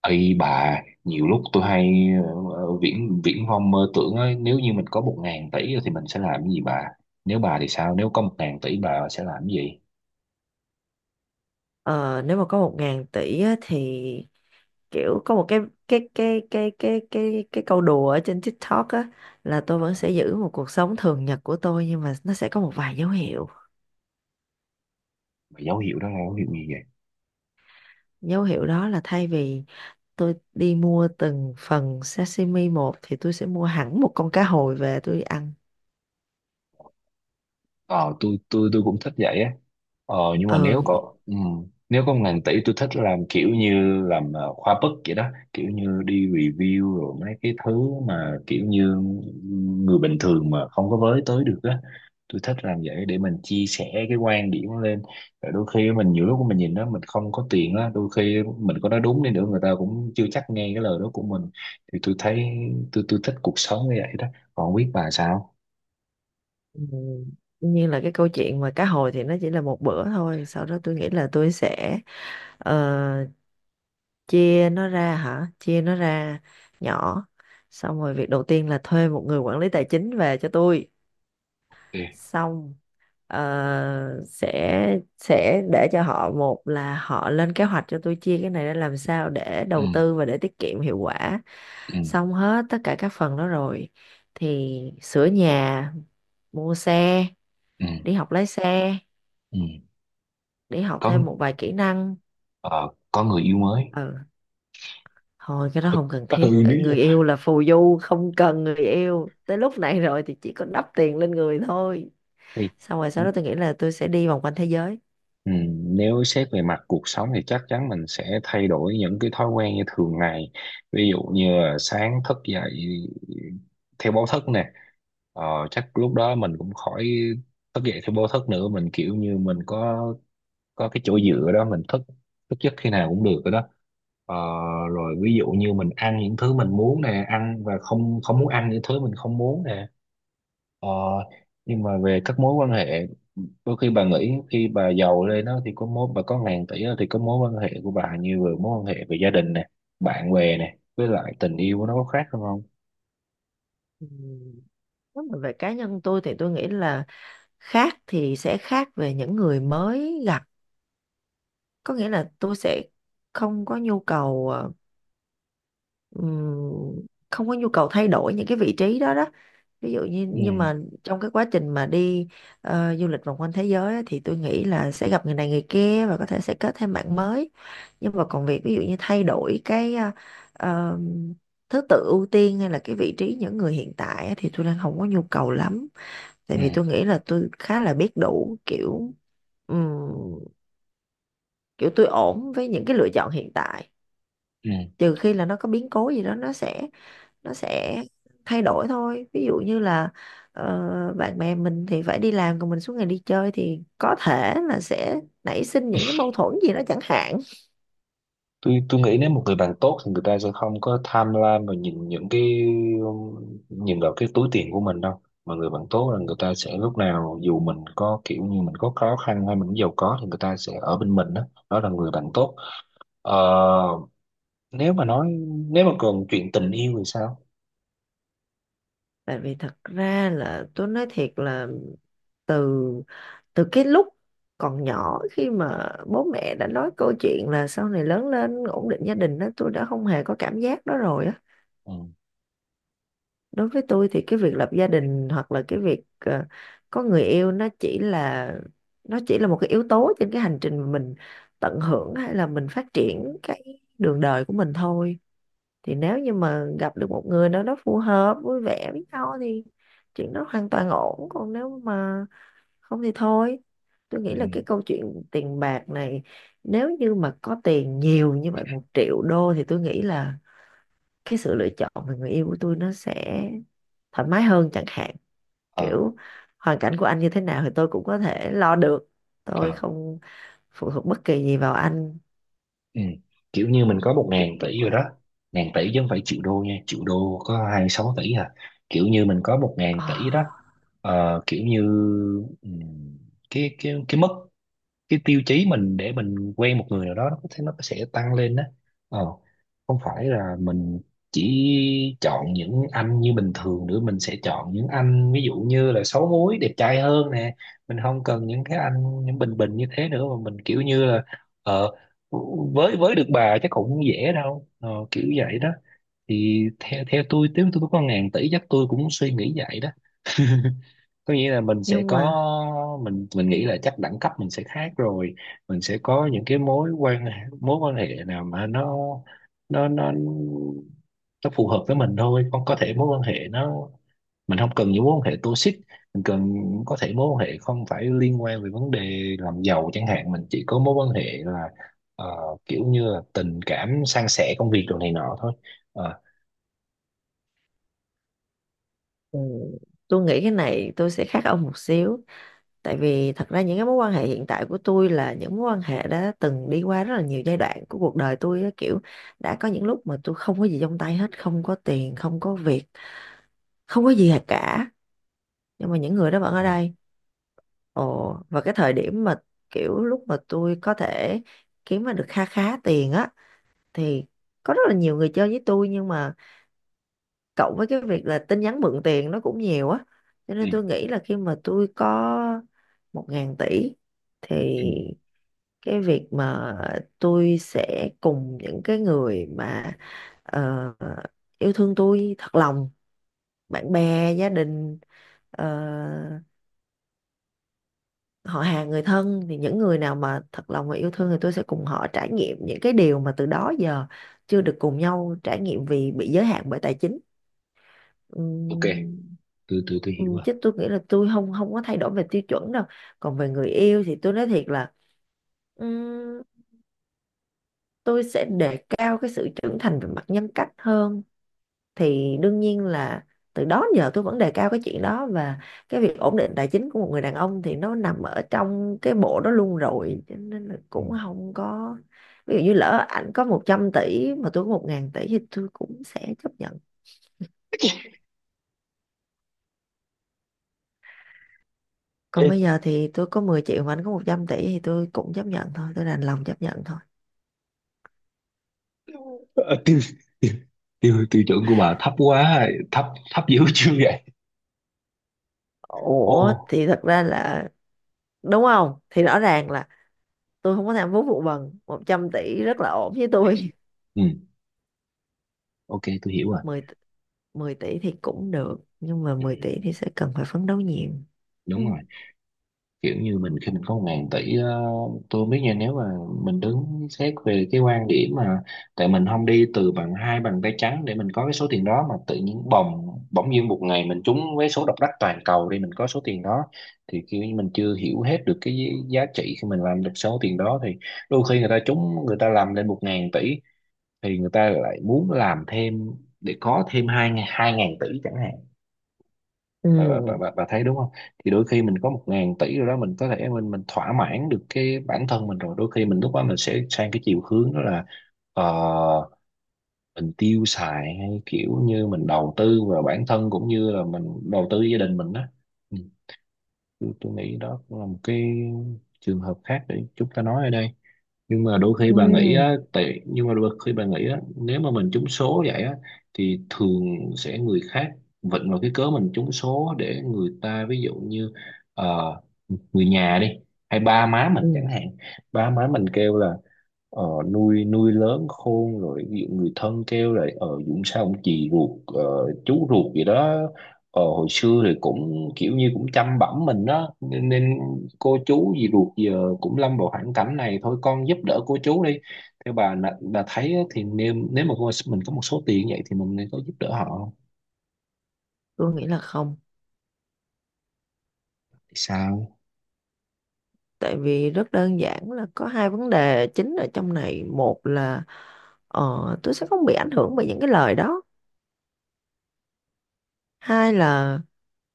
Ây bà, nhiều lúc tôi hay viễn viễn vông mơ tưởng ấy, nếu như mình có 1.000 tỷ thì mình sẽ làm cái gì bà? Nếu bà thì sao? Nếu có 1.000 tỷ bà sẽ làm cái gì? Ờ, Nếu mà có 1.000 tỷ á, thì kiểu có một cái câu đùa ở trên TikTok á, là tôi Ờ, vẫn sẽ giữ một cuộc sống thường nhật của tôi, nhưng mà nó sẽ có một vài dấu hiệu. mà dấu hiệu đó là dấu hiệu gì vậy? Dấu hiệu đó là thay vì tôi đi mua từng phần sashimi một thì tôi sẽ mua hẳn một con cá hồi về tôi ăn. Ờ, tôi cũng thích vậy á. Ờ nhưng mà Ừ. Nếu có 1.000 tỷ tôi thích làm kiểu như làm khoa bức vậy đó, kiểu như đi review rồi mấy cái thứ mà kiểu như người bình thường mà không có với tới được á. Tôi thích làm vậy để mình chia sẻ cái quan điểm lên, rồi đôi khi mình nhiều lúc mình nhìn đó mình không có tiền á, đôi khi mình có nói đúng đi nữa người ta cũng chưa chắc nghe cái lời đó của mình. Thì tôi thấy tôi thích cuộc sống như vậy đó, còn không biết bà sao. Ừ, tuy nhiên là cái câu chuyện mà cá hồi thì nó chỉ là một bữa thôi, sau đó tôi nghĩ là tôi sẽ ờ, chia nó ra hả, chia nó ra nhỏ, xong rồi việc đầu tiên là thuê một người quản lý tài chính về cho tôi. Ừ. Xong, sẽ để cho họ một là họ lên kế hoạch cho tôi chia cái này ra làm sao để Ừ. đầu tư và để tiết kiệm hiệu quả. Ừ. Xong hết tất cả các phần đó rồi thì sửa nhà, mua xe, Ừ. đi học lái xe, Ừ. đi học Có thêm một vài kỹ năng. ờ, có người yêu mới. Ừ. Thôi, cái đó không cần thiết, Ừ nếu người yêu là phù du, không cần người yêu tới lúc này rồi thì chỉ có đắp tiền lên người thôi. thì Xong rồi sau đó tôi nghĩ là tôi sẽ đi vòng quanh thế giới. ừ, nếu xét về mặt cuộc sống thì chắc chắn mình sẽ thay đổi những cái thói quen như thường ngày, ví dụ như là sáng thức dậy theo báo thức nè. Ờ, chắc lúc đó mình cũng khỏi thức dậy theo báo thức nữa, mình kiểu như mình có cái chỗ dựa đó, mình thức thức giấc khi nào cũng được rồi đó. Ờ, rồi ví dụ như mình ăn những thứ mình muốn nè, ăn và không không muốn ăn những thứ mình không muốn nè. Ờ, nhưng mà về các mối quan hệ, đôi khi bà nghĩ khi bà giàu lên đó thì có mối bà có 1.000 tỷ đó, thì có mối quan hệ của bà như vừa mối quan hệ về gia đình nè, bạn bè nè, với lại tình yêu nó có khác không không? Ừm, Nếu mà về cá nhân tôi thì tôi nghĩ là, khác thì sẽ khác về những người mới gặp, có nghĩa là tôi sẽ không có nhu cầu ờ, ừm, không có nhu cầu thay đổi những cái vị trí đó đó. Ví dụ như, nhưng Ừ. mà trong cái quá trình mà đi du lịch vòng quanh thế giới á, thì tôi nghĩ là sẽ gặp người này người kia và có thể sẽ kết thêm bạn mới, nhưng mà còn việc ví dụ như thay đổi cái ờ, thứ tự ưu tiên hay là cái vị trí những người hiện tại á, thì tôi đang không có nhu cầu lắm, tại Ừ. vì tôi nghĩ là tôi khá là biết đủ kiểu. ừm, Kiểu tôi ổn với những cái lựa chọn hiện tại, Ừ. trừ khi là nó có biến cố gì đó nó sẽ thay đổi thôi. Ví dụ như là bạn bè mình thì phải đi làm còn mình suốt ngày đi chơi thì có thể là sẽ nảy sinh những cái mâu thuẫn gì đó chẳng hạn. Tôi nghĩ nếu một người bạn tốt thì người ta sẽ không có tham lam và nhìn những cái nhìn vào cái túi tiền của mình đâu. Mà người bạn tốt là người ta sẽ lúc nào dù mình có kiểu như mình có khó khăn hay mình giàu có thì người ta sẽ ở bên mình đó. Đó là người bạn tốt. Ờ, nếu mà nói, nếu mà còn chuyện tình yêu thì sao? Tại vì thật ra là tôi nói thiệt là, từ từ cái lúc còn nhỏ, khi mà bố mẹ đã nói câu chuyện là sau này lớn lên ổn định gia đình đó, tôi đã không hề có cảm giác đó rồi á. Ừ. Đối với tôi thì cái việc lập gia đình hoặc là cái việc có người yêu, nó chỉ là một cái yếu tố trên cái hành trình mà mình tận hưởng hay là mình phát triển cái đường đời của mình thôi. Thì nếu như mà gặp được một người nào đó phù hợp vui vẻ với nhau thì chuyện đó hoàn toàn ổn, còn nếu mà không thì thôi. Tôi Ừ. nghĩ là cái câu chuyện tiền bạc này, nếu như mà có tiền nhiều như vậy 1 triệu đô thì tôi nghĩ là cái sự lựa chọn về người yêu của tôi nó sẽ thoải mái hơn chẳng hạn. Ờ. Kiểu hoàn cảnh của anh như thế nào thì tôi cũng có thể lo được, tôi Ờ. không phụ thuộc bất kỳ gì vào anh. Ừ. Kiểu như mình có một kiểu ngàn kiểu tỷ rồi vậy. đó. Ngàn tỷ chứ không phải triệu đô nha, triệu đô có 26 tỷ à. Kiểu như mình có một ngàn Ờ, tỷ đó. Ờ, kiểu như ừ, cái mức, cái tiêu chí mình để mình quen một người nào đó nó có thể nó sẽ tăng lên đó. Ờ, không phải là mình chỉ chọn những anh như bình thường nữa, mình sẽ chọn những anh ví dụ như là xấu múi đẹp trai hơn nè. Mình không cần những cái anh những bình bình như thế nữa mà mình kiểu như là ờ với được bà chắc cũng dễ đâu. Ờ, kiểu vậy đó. Thì theo theo tôi nếu tôi có 1.000 tỷ chắc tôi cũng suy nghĩ vậy đó. Có nghĩa là mình sẽ nhưng mà có mình nghĩ là chắc đẳng cấp mình sẽ khác rồi. Mình sẽ có những cái mối quan hệ nào mà nó nó phù hợp với mình thôi. Không có thể mối quan hệ nó, mình không cần những mối quan hệ toxic, mình cần có thể mối quan hệ không phải liên quan về vấn đề làm giàu chẳng hạn. Mình chỉ có mối quan hệ là ờ, kiểu như là tình cảm, san sẻ công việc đồ này nọ thôi. Ờ, ừ, tôi nghĩ cái này tôi sẽ khác ông một xíu, tại vì thật ra những cái mối quan hệ hiện tại của tôi là những mối quan hệ đã từng đi qua rất là nhiều giai đoạn của cuộc đời tôi á, kiểu đã có những lúc mà tôi không có gì trong tay hết, không có tiền không có việc, không có gì cả, nhưng mà những người đó vẫn ở đây. Ồ, và cái thời điểm mà kiểu lúc mà tôi có thể kiếm ra được kha khá tiền á, thì có rất là nhiều người chơi với tôi, nhưng mà cộng với cái việc là tin nhắn mượn tiền nó cũng nhiều á, cho ừ, nên tôi nghĩ là khi mà tôi có 1.000 tỷ thì ừ, cái việc mà tôi sẽ cùng những cái người mà ờ, yêu thương tôi thật lòng, ừ. bạn bè gia đình, ờ, họ hàng người thân, thì những người nào mà thật lòng và yêu thương thì tôi sẽ cùng họ trải nghiệm những cái điều mà từ đó giờ chưa được cùng nhau trải nghiệm vì bị giới hạn bởi tài chính. OK, Ừm, tôi hiểu rồi. Chứ tôi nghĩ là tôi không không có thay đổi về tiêu chuẩn đâu. Còn về người yêu thì tôi nói thiệt là, ừm, tôi sẽ đề cao cái sự trưởng thành về mặt nhân cách hơn. Thì đương nhiên là từ đó đến giờ tôi vẫn đề cao cái chuyện đó, và cái việc ổn định tài chính của một người đàn ông thì nó nằm ở trong cái bộ đó luôn rồi, cho nên là cũng không có. Ví dụ như lỡ ảnh có 100 tỷ mà tôi có một ngàn tỷ thì tôi cũng sẽ chấp nhận. Còn Ừ. bây giờ thì tôi có 10 triệu mà anh có 100 tỷ thì tôi cũng chấp nhận thôi, tôi đành lòng chấp nhận thôi. Ờ, tiêu tiêu tiêu chuẩn của bà thấp quá, thấp, thấp dữ chưa vậy. Ồ. Ủa thì thật ra là, đúng không, thì rõ ràng là tôi không có tham vốn vụ bần, 100 tỷ rất là ổn với tôi. Ừ. OK tôi hiểu rồi. 10, 10 tỷ thì cũng được, nhưng mà 10 tỷ Ừ, thì sẽ cần phải phấn đấu nhiều. đúng Ừ. rồi. Kiểu như mình khi mình có một ngàn tỷ ờ, tôi không biết nha, nếu mà mình đứng xét về cái quan điểm mà tại mình không đi từ bằng hai bàn tay trắng để mình có cái số tiền đó, mà tự nhiên bỗng nhiên một ngày mình trúng vé số độc đắc toàn cầu đi, mình có số tiền đó thì kiểu như mình chưa hiểu hết được cái giá trị khi mình làm được số tiền đó. Thì đôi khi người ta trúng người ta làm lên 1.000 tỷ thì người ta lại muốn làm thêm để có thêm 2.000 tỷ chẳng hạn. bà, bà, bà, Ừ. bà bà thấy đúng không? Thì đôi khi mình có một ngàn tỷ rồi đó, mình có thể mình thỏa mãn được cái bản thân mình rồi, đôi khi mình lúc đó mình sẽ sang cái chiều hướng đó là ờ, mình tiêu xài hay kiểu như mình đầu tư vào bản thân cũng như là mình đầu tư gia đình mình đó. Ừ. tôi nghĩ đó cũng là một cái trường hợp khác để chúng ta nói ở đây. Nhưng mà đôi khi bà nghĩ Ừ. á, tại nhưng mà đôi khi bà nghĩ á, nếu mà mình trúng số vậy á thì thường sẽ người khác vịnh vào cái cớ mình trúng số để người ta ví dụ như ờ, người nhà đi hay ba má Ừ. mình chẳng hạn. Ba má mình kêu là ờ, nuôi nuôi lớn khôn rồi. Ví dụ người thân kêu là ờ Dũng sao ông chị ruột ờ, chú ruột gì đó ờ, hồi xưa thì cũng kiểu như cũng chăm bẵm mình đó nên cô chú gì ruột giờ cũng lâm vào hoàn cảnh này thôi, con giúp đỡ cô chú đi. Theo bà thấy á, thì nếu nếu mà mình có một số tiền như vậy thì mình nên có giúp đỡ họ không? Tôi nghĩ là không. Thì sao. Tại vì rất đơn giản là có hai vấn đề chính ở trong này. Một là ờ, tôi sẽ không bị ảnh hưởng bởi những cái lời đó. Hai là,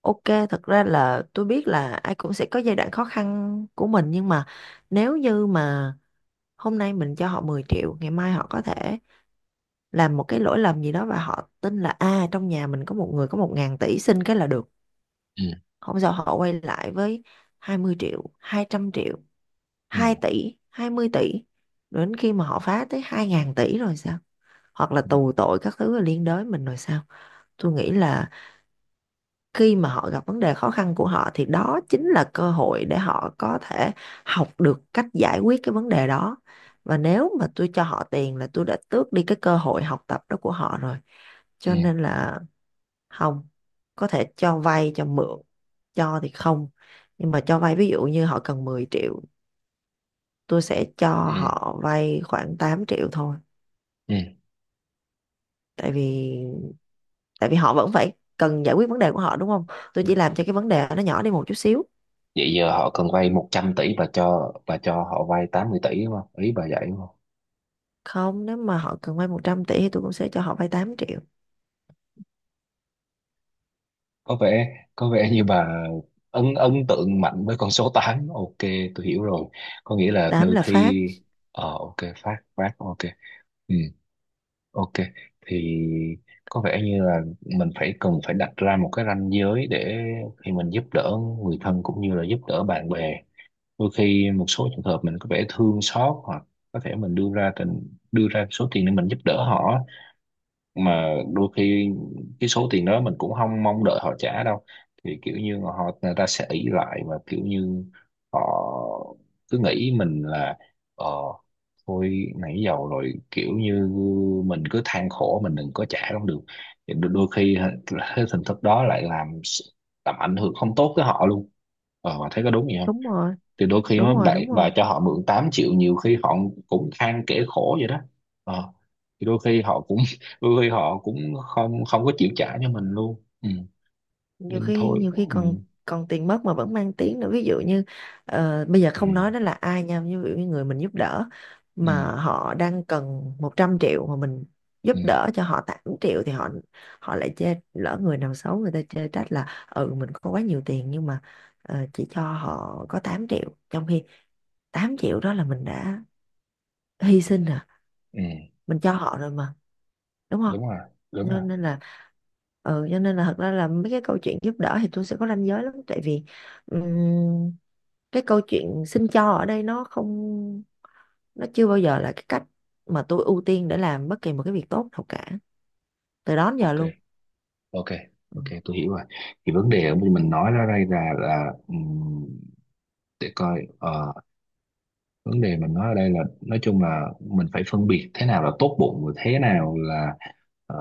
ok, thật ra là tôi biết là ai cũng sẽ có giai đoạn khó khăn của mình, nhưng mà nếu như mà hôm nay mình cho họ 10 triệu, ngày mai họ có thể làm một cái lỗi lầm gì đó và họ tin là, à, trong nhà mình có một người có 1.000 tỷ, xin cái là được. Ừ. Không sao, họ quay lại với 20 triệu, 200 triệu, Ừ. 2 tỷ, 20 tỷ. Đến khi mà họ phá tới 2.000 tỷ rồi sao? Hoặc là tù tội các thứ liên đới mình rồi sao? Tôi nghĩ là khi mà họ gặp vấn đề khó khăn của họ thì đó chính là cơ hội để họ có thể học được cách giải quyết cái vấn đề đó, và nếu mà tôi cho họ tiền là tôi đã tước đi cái cơ hội học tập đó của họ rồi. Cho Ừ. nên là không. Có thể cho vay cho mượn, cho thì không. Nhưng mà cho vay, ví dụ như họ cần 10 triệu, tôi sẽ cho Ừ. họ vay khoảng 8 triệu thôi. Ừ. Tại vì tại vì họ vẫn phải cần giải quyết vấn đề của họ, đúng không? Tôi chỉ làm cho cái vấn đề nó nhỏ đi một chút xíu. Vậy giờ họ cần vay 100 tỷ và cho họ vay 80 tỷ đúng không, ý bà vậy đúng không? Không, nếu mà họ cần vay 100 tỷ thì tôi cũng sẽ cho họ vay 8 triệu. Có vẻ, có vẻ như bà ấn ấn tượng mạnh với con số tám. OK, tôi hiểu rồi. Có nghĩa là Tám đôi là phát. khi ờ OK, phát phát OK. Ừ. OK. Thì có vẻ như là mình phải cần phải đặt ra một cái ranh giới để khi mình giúp đỡ người thân cũng như là giúp đỡ bạn bè, đôi khi một số trường hợp mình có vẻ thương xót, hoặc có thể mình đưa ra đưa ra số tiền để mình giúp đỡ họ. Mà đôi khi cái số tiền đó mình cũng không mong đợi họ trả đâu, thì kiểu như họ người ta sẽ ỷ lại và kiểu như họ cứ nghĩ mình là ờ thôi nãy giờ rồi kiểu như mình cứ than khổ mình đừng có trả cũng được. Thì đôi đôi khi hả, cái hình thức đó lại làm ảnh hưởng không tốt tới họ luôn. Ờ mà thấy có đúng gì. Đúng rồi. Thì đôi khi Đúng mà rồi. bạn Đúng bà rồi. cho họ mượn 8 triệu nhiều khi họ cũng than kể khổ vậy đó. Ờ. Thì đôi khi họ cũng đôi khi họ cũng không không có chịu trả cho mình luôn. Ừ. nhiều Nên khi thôi. nhiều khi Ừ. còn còn tiền mất mà vẫn mang tiếng nữa. Ví dụ như bây giờ Ừ. không nói đó là ai nha, ví dụ như người mình giúp đỡ Ừ. mà họ đang cần 100 triệu mà mình giúp Ừ. đỡ cho họ 8 triệu, thì họ họ lại chê, lỡ người nào xấu người ta chê trách là, ừ, mình có quá nhiều tiền nhưng mà chỉ cho họ có 8 triệu, trong khi 8 triệu đó là mình đã hy sinh rồi, Ừ. mình cho họ rồi mà, đúng không? Đúng rồi, đúng cho rồi. nên là ừ, cho nên là thật ra là mấy cái câu chuyện giúp đỡ thì tôi sẽ có ranh giới lắm, tại vì ừm, cái câu chuyện xin cho ở đây, nó không, nó chưa bao giờ là cái cách mà tôi ưu tiên để làm bất kỳ một cái việc tốt nào cả, từ đó đến giờ OK. luôn. OK. Ừ. OK tôi hiểu rồi. Thì vấn đề của mình nói ra đây là để coi ờ, vấn đề mình nói ở đây là nói chung là mình phải phân biệt thế nào là tốt bụng và thế nào là ờ,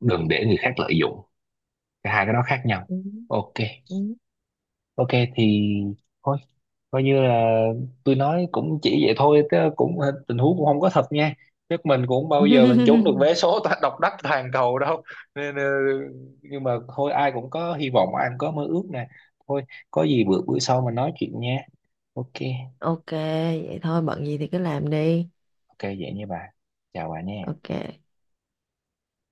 đừng để người khác lợi dụng. Cả hai cái đó khác nhau. Ừ. OK. Ừ. OK. Thì thôi coi như là tôi nói cũng chỉ vậy thôi chứ cũng tình huống cũng không có thật nha. Nước mình cũng bao giờ mình trúng được vé số độc đắc toàn cầu đâu nên ờ, nhưng mà thôi ai cũng có hy vọng, ai cũng có mơ ước nè. Thôi có gì bữa bữa sau mình nói chuyện nha. OK. Ok, vậy thôi bận gì thì cứ làm đi. OK vậy nha bà, chào bà nha. Ok.